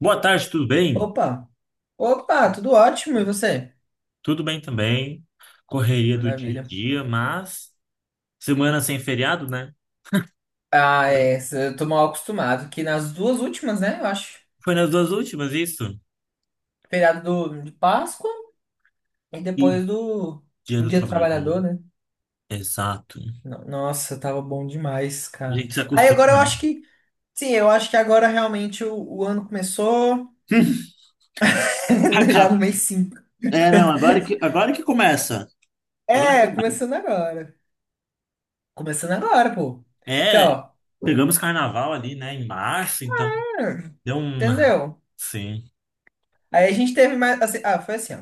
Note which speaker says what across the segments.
Speaker 1: Boa tarde, tudo bem?
Speaker 2: Opa! Opa, tudo ótimo, e você?
Speaker 1: Tudo bem também. Correria do dia a
Speaker 2: Maravilha.
Speaker 1: dia, mas semana sem feriado, né?
Speaker 2: Ah, é, eu tô mal acostumado, que nas duas últimas, né, eu acho.
Speaker 1: Foi nas duas últimas, isso?
Speaker 2: Feriado de Páscoa e
Speaker 1: E
Speaker 2: depois do,
Speaker 1: Dia
Speaker 2: do
Speaker 1: do
Speaker 2: Dia do
Speaker 1: Trabalho.
Speaker 2: Trabalhador, né?
Speaker 1: Exato.
Speaker 2: Nossa, tava bom demais,
Speaker 1: A
Speaker 2: cara.
Speaker 1: gente se
Speaker 2: Aí agora
Speaker 1: acostuma,
Speaker 2: eu
Speaker 1: né?
Speaker 2: acho que, sim, eu acho que agora realmente o ano começou, já no
Speaker 1: Acaba.
Speaker 2: mês 5.
Speaker 1: É, não, agora que começa. Agora que
Speaker 2: É,
Speaker 1: começa.
Speaker 2: começando agora. Começando agora, pô. Porque,
Speaker 1: É,
Speaker 2: ó,
Speaker 1: pegamos carnaval ali, né, em março, então
Speaker 2: hum,
Speaker 1: deu uma.
Speaker 2: entendeu?
Speaker 1: Sim,
Speaker 2: Aí a gente teve mais, assim, ah, foi assim, ó.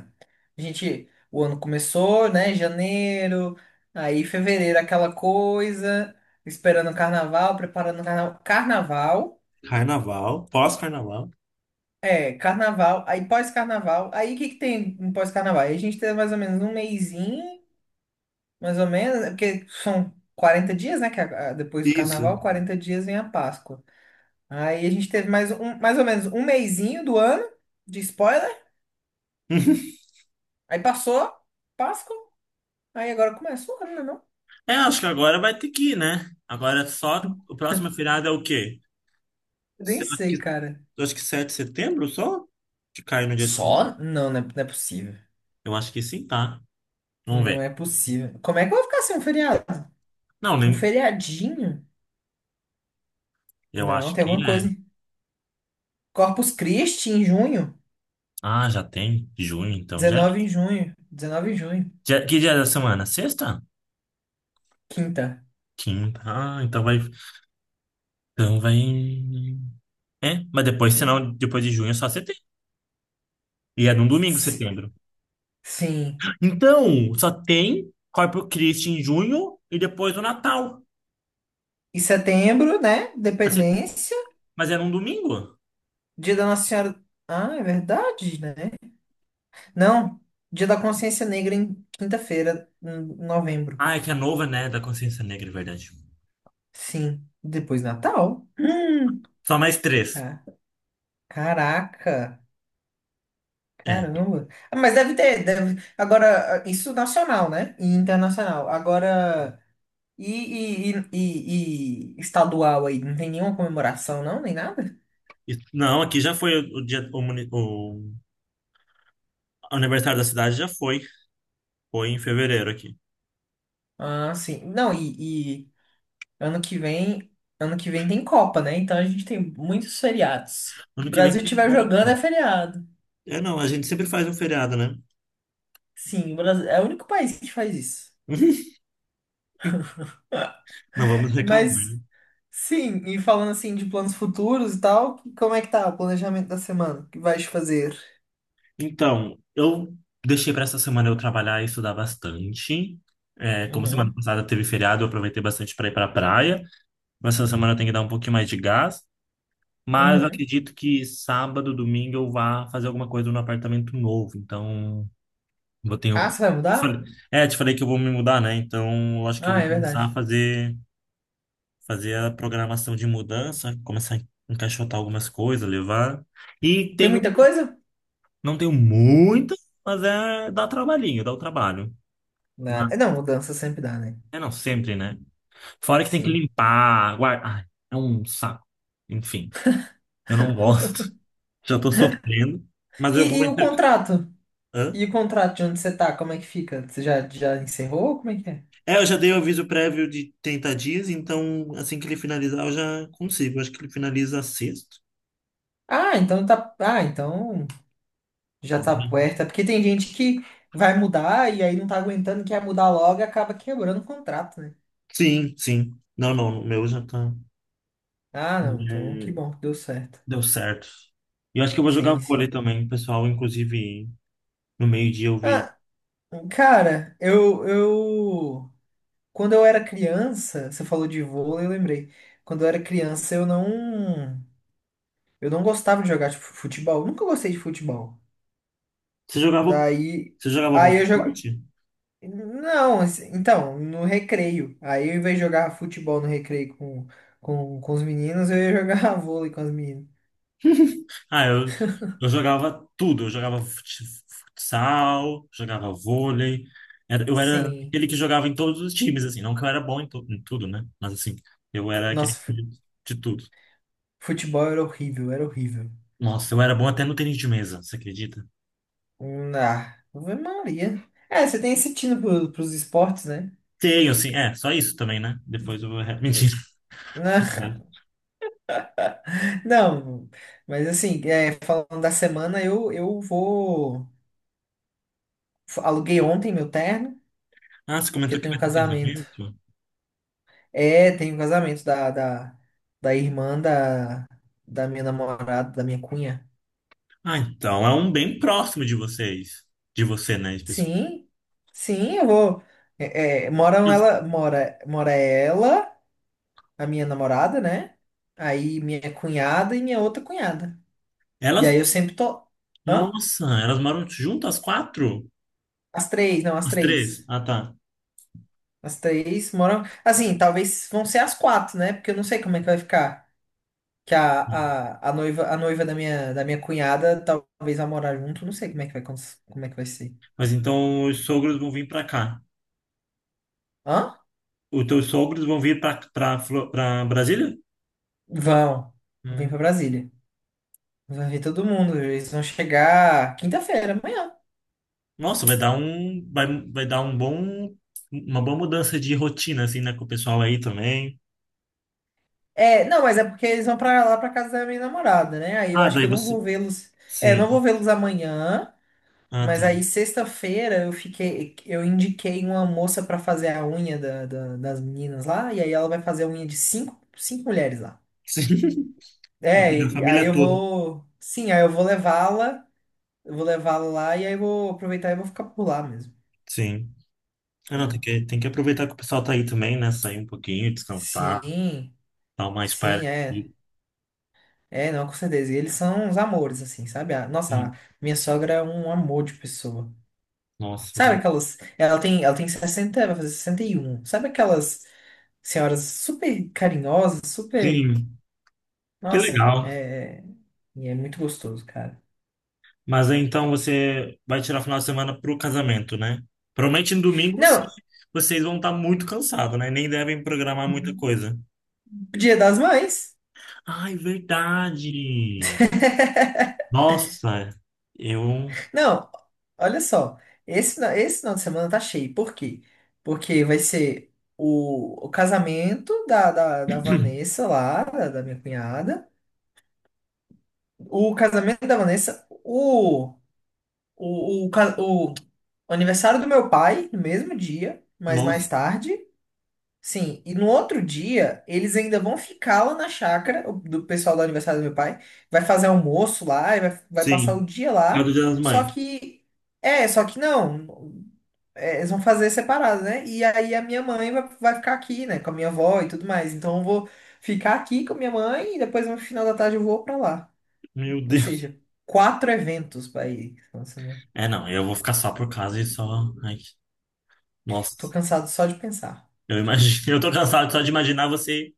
Speaker 2: A gente. O ano começou, né? Janeiro, aí fevereiro, aquela coisa, esperando o carnaval, preparando o carnaval. Carnaval,
Speaker 1: carnaval, pós-carnaval.
Speaker 2: é, carnaval, aí pós-carnaval. Aí o que que tem no pós-carnaval? Aí a gente teve mais ou menos um mesinho, mais ou menos, é porque são 40 dias, né? Que depois do
Speaker 1: Isso.
Speaker 2: carnaval, 40 dias vem a Páscoa. Aí a gente teve mais, um, mais ou menos um mesinho do ano, de spoiler. Aí passou, Páscoa. Aí agora começa o ano, né?
Speaker 1: É, acho que agora vai ter que ir, né? Agora só. O próximo feriado é o quê?
Speaker 2: Eu nem
Speaker 1: Se- Acho que,
Speaker 2: sei, cara.
Speaker 1: acho que 7 de setembro só? Que cai no dia.
Speaker 2: Só? Não, não é, não é possível.
Speaker 1: Eu acho que sim, tá? Vamos
Speaker 2: Não
Speaker 1: ver.
Speaker 2: é possível. Como é que eu vou ficar sem um feriado?
Speaker 1: Não,
Speaker 2: Um
Speaker 1: nem,
Speaker 2: feriadinho?
Speaker 1: eu
Speaker 2: Não,
Speaker 1: acho
Speaker 2: tem
Speaker 1: que
Speaker 2: alguma coisa,
Speaker 1: é.
Speaker 2: hein? Corpus Christi em junho?
Speaker 1: Ah, já tem junho, então já.
Speaker 2: 19 em junho. 19 de junho.
Speaker 1: Que dia da semana? Sexta?
Speaker 2: Quinta.
Speaker 1: Quinta. Ah, então vai. Então vai. É, mas depois,
Speaker 2: Quin-
Speaker 1: senão, depois de junho é só setembro. E é num domingo,
Speaker 2: si-
Speaker 1: setembro.
Speaker 2: Sim.
Speaker 1: Então, só tem Corpus Christi em junho e depois o Natal.
Speaker 2: E setembro, né?
Speaker 1: Mas, se-
Speaker 2: Dependência.
Speaker 1: mas é num domingo?
Speaker 2: Dia da Nossa Senhora. Ah, é verdade, né? Não. Dia da Consciência Negra em quinta-feira, em novembro.
Speaker 1: Ah, é que é nova, né? Da Consciência Negra, é verdade.
Speaker 2: Sim. Depois Natal. Hum.
Speaker 1: Só mais três.
Speaker 2: Ca- Caraca.
Speaker 1: É.
Speaker 2: Caramba. Ah, mas deve ter, deve, agora, isso nacional, né? E internacional. Agora, e, estadual aí? Não tem nenhuma comemoração, não? Nem nada?
Speaker 1: Não, aqui já foi o dia, o, muni- o aniversário da cidade já foi. Foi em fevereiro aqui.
Speaker 2: Ah, sim. Não, e ano que vem, ano que vem tem Copa, né? Então a gente tem muitos feriados. O
Speaker 1: Ano que vem
Speaker 2: Brasil
Speaker 1: tem
Speaker 2: estiver
Speaker 1: como.
Speaker 2: jogando é feriado.
Speaker 1: É, não, a gente sempre faz um feriado, né?
Speaker 2: Sim, o Brasil é o único país que faz isso.
Speaker 1: Não vamos reclamar,
Speaker 2: Mas,
Speaker 1: né?
Speaker 2: sim, e falando assim de planos futuros e tal, como é que tá o planejamento da semana? O que vais fazer?
Speaker 1: Então, eu deixei para essa semana eu trabalhar e estudar bastante. É, como semana
Speaker 2: Uhum.
Speaker 1: passada teve feriado, eu aproveitei bastante para ir para a praia. Mas essa semana eu tenho que dar um pouquinho mais de gás. Mas eu
Speaker 2: Uhum.
Speaker 1: acredito que sábado, domingo eu vá fazer alguma coisa no apartamento novo. Então. Eu tenho...
Speaker 2: Ah, você vai
Speaker 1: te falei-
Speaker 2: mudar?
Speaker 1: É, te falei que eu vou me mudar, né? Então, eu acho que eu
Speaker 2: Ah,
Speaker 1: vou
Speaker 2: é
Speaker 1: começar a
Speaker 2: verdade.
Speaker 1: fazer, a programação de mudança, começar a encaixotar algumas coisas, levar. E
Speaker 2: Tem
Speaker 1: tenho,
Speaker 2: muita coisa?
Speaker 1: não tenho muitas, mas é, dá trabalhinho, dá o trabalho. Mas,
Speaker 2: Não, mudança sempre dá, né?
Speaker 1: é não, sempre, né? Fora que tem que
Speaker 2: Sim.
Speaker 1: limpar, guardar. Ai, é um saco. Enfim, eu não gosto. Já tô sofrendo, mas eu
Speaker 2: E,
Speaker 1: vou
Speaker 2: e o
Speaker 1: entrar.
Speaker 2: contrato? E o contrato de onde você tá? Como é que fica? Você já encerrou? Como é que é?
Speaker 1: É, eu já dei o aviso prévio de 30 dias, então assim que ele finalizar eu já consigo. Acho que ele finaliza sexto.
Speaker 2: Ah, então tá. Ah, então já
Speaker 1: Então,
Speaker 2: tá
Speaker 1: né?
Speaker 2: puerta. Porque tem gente que vai mudar e aí não tá aguentando, quer mudar logo e acaba quebrando o contrato, né?
Speaker 1: Sim, sim. Não, não, o meu já tá.
Speaker 2: Ah, não. Então que
Speaker 1: É,
Speaker 2: bom que deu certo.
Speaker 1: deu certo. E eu acho que eu vou jogar
Speaker 2: Sim,
Speaker 1: vôlei
Speaker 2: sim.
Speaker 1: também, pessoal. Inclusive, no meio-dia eu vi.
Speaker 2: Ah, cara, eu, eu. Quando eu era criança, você falou de vôlei, eu lembrei. Quando eu era criança, eu não gostava de jogar tipo, futebol. Nunca gostei de futebol.
Speaker 1: Você jogava,
Speaker 2: Daí,
Speaker 1: você jogava algum
Speaker 2: aí eu jogo.
Speaker 1: esporte?
Speaker 2: Não, assim, então, no recreio. Aí, ao invés de jogar futebol no recreio com os meninos, eu ia jogar vôlei com as meninas.
Speaker 1: Ah, eu jogava tudo. Eu jogava futsal, jogava vôlei. Eu era
Speaker 2: Sim.
Speaker 1: aquele que jogava em todos os times, assim. Não que eu era bom em tudo, né? Mas, assim, eu era aquele
Speaker 2: Nossa,
Speaker 1: de tudo.
Speaker 2: futebol era horrível, era horrível.
Speaker 1: Nossa, eu era bom até no tênis de mesa, você acredita?
Speaker 2: Ah, Ave Maria. É, você tem esse tino pros esportes, né?
Speaker 1: Tenho, assim. É, só isso também, né? Depois eu vou. Mentira.
Speaker 2: Não. Não, mas assim, é, falando da semana, eu vou. Aluguei ontem meu terno,
Speaker 1: Ah, você
Speaker 2: que
Speaker 1: comentou
Speaker 2: eu
Speaker 1: que
Speaker 2: tenho
Speaker 1: vai
Speaker 2: um
Speaker 1: ter um
Speaker 2: casamento.
Speaker 1: casamento?
Speaker 2: É, tenho um casamento da irmã da minha namorada, da minha cunha.
Speaker 1: Ah, então, é um bem próximo de vocês. De você, né? Especificamente.
Speaker 2: Sim, sim, eu vou. É, mora ela, a minha namorada, né? Aí minha cunhada e minha outra cunhada. E
Speaker 1: Elas.
Speaker 2: aí eu sempre tô. Hã?
Speaker 1: Nossa, elas moram juntas, as quatro?
Speaker 2: As três, não, as
Speaker 1: As três?
Speaker 2: três.
Speaker 1: Ah, tá.
Speaker 2: As três moram. Assim, talvez vão ser as quatro, né? Porque eu não sei como é que vai ficar. Que a noiva, a noiva, da minha cunhada talvez vá morar junto. Não sei como é que vai, como é que vai ser.
Speaker 1: Mas então os sogros vão vir para cá.
Speaker 2: Hã?
Speaker 1: Os teus sogros vão vir para Brasília?
Speaker 2: Vão. Vem pra
Speaker 1: Hum.
Speaker 2: Brasília. Vai ver todo mundo. Eles vão chegar quinta-feira, amanhã.
Speaker 1: Nossa, vai dar um vai, vai dar um bom uma boa mudança de rotina assim, né, com o pessoal aí também.
Speaker 2: É, não, mas é porque eles vão pra lá pra casa da minha namorada, né? Aí eu
Speaker 1: Ah,
Speaker 2: acho que
Speaker 1: daí
Speaker 2: eu não
Speaker 1: você
Speaker 2: vou vê-los. É,
Speaker 1: sim.
Speaker 2: não vou vê-los amanhã.
Speaker 1: Ah, tá.
Speaker 2: Mas aí, sexta-feira, eu indiquei uma moça pra fazer a unha das meninas lá, e aí ela vai fazer a unha de cinco mulheres lá.
Speaker 1: Sim. Vai
Speaker 2: É,
Speaker 1: pegar a
Speaker 2: e aí
Speaker 1: família
Speaker 2: eu
Speaker 1: toda.
Speaker 2: vou. Sim, aí eu vou levá-la lá, e aí eu vou aproveitar e vou ficar por lá mesmo,
Speaker 1: Sim. Ah, não, tem
Speaker 2: entendeu?
Speaker 1: que tem que aproveitar que o pessoal tá aí também, né, sair um pouquinho, descansar,
Speaker 2: Sim,
Speaker 1: dar uma espera
Speaker 2: sim, é.
Speaker 1: aqui.
Speaker 2: É, não, com certeza. E eles são uns amores, assim, sabe? Nossa,
Speaker 1: Sim.
Speaker 2: a minha sogra é um amor de pessoa.
Speaker 1: Nossa,
Speaker 2: Sabe aquelas. Ela tem sessenta, vai fazer sessenta e um. Sabe aquelas senhoras super carinhosas, super.
Speaker 1: sim. Que
Speaker 2: Nossa, é.
Speaker 1: legal.
Speaker 2: é, e é muito gostoso, cara.
Speaker 1: Mas aí, então você vai tirar o final de semana pro casamento, né? Provavelmente no domingo vocês,
Speaker 2: Não,
Speaker 1: vocês vão estar muito cansados, né? Nem devem programar muita coisa.
Speaker 2: Dia das Mães.
Speaker 1: Ai, verdade! Nossa, eu.
Speaker 2: Não, olha só. Esse final de semana tá cheio. Por quê? Porque vai ser o casamento da Vanessa lá, da minha cunhada. O casamento da Vanessa, o aniversário do meu pai, no mesmo dia, mas
Speaker 1: Nossa,
Speaker 2: mais tarde. Sim, e no outro dia, eles ainda vão ficar lá na chácara, o do pessoal do aniversário do meu pai, vai fazer almoço lá, e vai passar o
Speaker 1: sim.
Speaker 2: dia
Speaker 1: É do
Speaker 2: lá,
Speaker 1: Dia das
Speaker 2: só
Speaker 1: Mães.
Speaker 2: que, é, só que não, é, eles vão fazer separado, né? E aí a minha mãe vai ficar aqui, né, com a minha avó e tudo mais, então eu vou ficar aqui com a minha mãe e depois no final da tarde eu vou pra lá.
Speaker 1: Meu
Speaker 2: Ou
Speaker 1: Deus.
Speaker 2: seja, quatro eventos pra ir. Nossa, meu.
Speaker 1: É, não, eu vou ficar só por casa e só. Ai,
Speaker 2: Tô
Speaker 1: nossa,
Speaker 2: cansado só de pensar.
Speaker 1: eu
Speaker 2: Já.
Speaker 1: imagino. Eu tô cansado só de imaginar você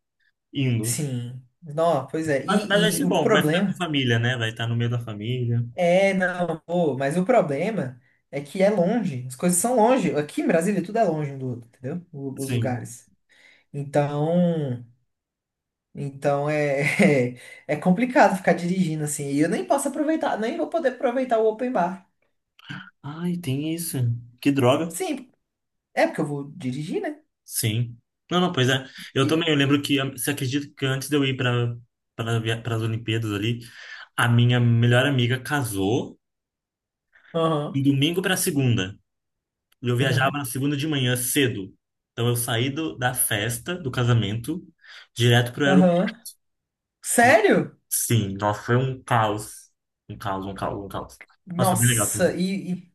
Speaker 1: indo.
Speaker 2: Sim, não, pois é,
Speaker 1: Mas vai
Speaker 2: e
Speaker 1: ser
Speaker 2: o
Speaker 1: bom, vai ficar com a
Speaker 2: problema.
Speaker 1: família, né? Vai estar no meio da família.
Speaker 2: É, não, pô, mas o problema é que é longe, as coisas são longe. Aqui em Brasília tudo é longe um do outro, entendeu? Os
Speaker 1: Sim.
Speaker 2: lugares. Então, então é, é complicado ficar dirigindo assim. E eu nem posso aproveitar, nem vou poder aproveitar o open bar.
Speaker 1: Ai, tem isso. Que droga.
Speaker 2: Sim, é porque eu vou dirigir, né?
Speaker 1: Sim. Não, não, pois é. Eu também, eu
Speaker 2: E-
Speaker 1: lembro que, você acredita que antes de eu ir para as Olimpíadas ali, a minha melhor amiga casou de
Speaker 2: Aham,
Speaker 1: domingo para segunda. E eu viajava
Speaker 2: uhum,
Speaker 1: na segunda de manhã cedo. Então eu saí da festa, do casamento, direto pro
Speaker 2: aham.
Speaker 1: aeroporto.
Speaker 2: Sério?
Speaker 1: Sim, nossa, foi um caos. Um caos, um caos, um caos. Mas foi bem legal
Speaker 2: Nossa,
Speaker 1: também.
Speaker 2: e, e,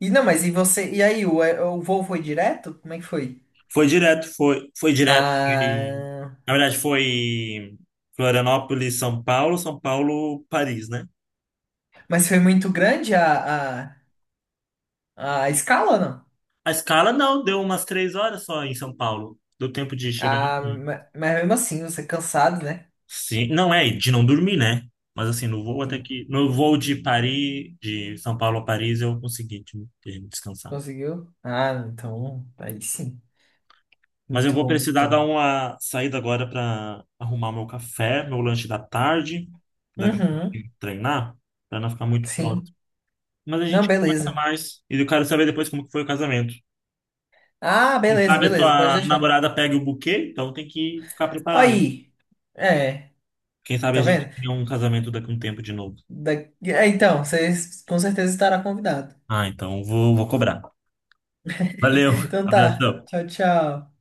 Speaker 2: e não, mas e você? E aí, o voo foi direto? Como é que foi?
Speaker 1: Foi direto, foi direto. Foi,
Speaker 2: Ah,
Speaker 1: na verdade, foi Florianópolis, São Paulo, São Paulo, Paris, né?
Speaker 2: mas foi muito grande a escala, não.
Speaker 1: A escala não, deu umas 3 horas só em São Paulo. Deu tempo de chegar lá
Speaker 2: Ah,
Speaker 1: também.
Speaker 2: mas mesmo assim, você é cansado, né?
Speaker 1: Sim, não é, de não dormir, né? Mas assim, no voo até
Speaker 2: Sim.
Speaker 1: que. No voo de São Paulo a Paris, eu consegui de descansar.
Speaker 2: Conseguiu? Ah, então, aí sim.
Speaker 1: Mas eu
Speaker 2: Muito
Speaker 1: vou
Speaker 2: bom,
Speaker 1: precisar dar
Speaker 2: então.
Speaker 1: uma saída agora para arrumar meu café, meu lanche da tarde. Daqui a pouco eu tenho
Speaker 2: Uhum,
Speaker 1: que treinar, para não ficar muito pronto.
Speaker 2: sim.
Speaker 1: Mas a
Speaker 2: Não,
Speaker 1: gente conversa
Speaker 2: beleza.
Speaker 1: mais. E eu quero saber depois como que foi o casamento.
Speaker 2: Ah,
Speaker 1: Quem
Speaker 2: beleza,
Speaker 1: sabe a
Speaker 2: beleza, pode
Speaker 1: tua
Speaker 2: deixar.
Speaker 1: namorada pega o buquê, então tem que ficar preparado.
Speaker 2: Aí. É,
Speaker 1: Quem sabe a
Speaker 2: tá
Speaker 1: gente
Speaker 2: vendo?
Speaker 1: tenha um casamento daqui a um tempo de novo.
Speaker 2: Da- é, então, vocês com certeza estará convidado.
Speaker 1: Ah, então vou, cobrar. Valeu,
Speaker 2: Então tá.
Speaker 1: abração.
Speaker 2: Tchau, tchau.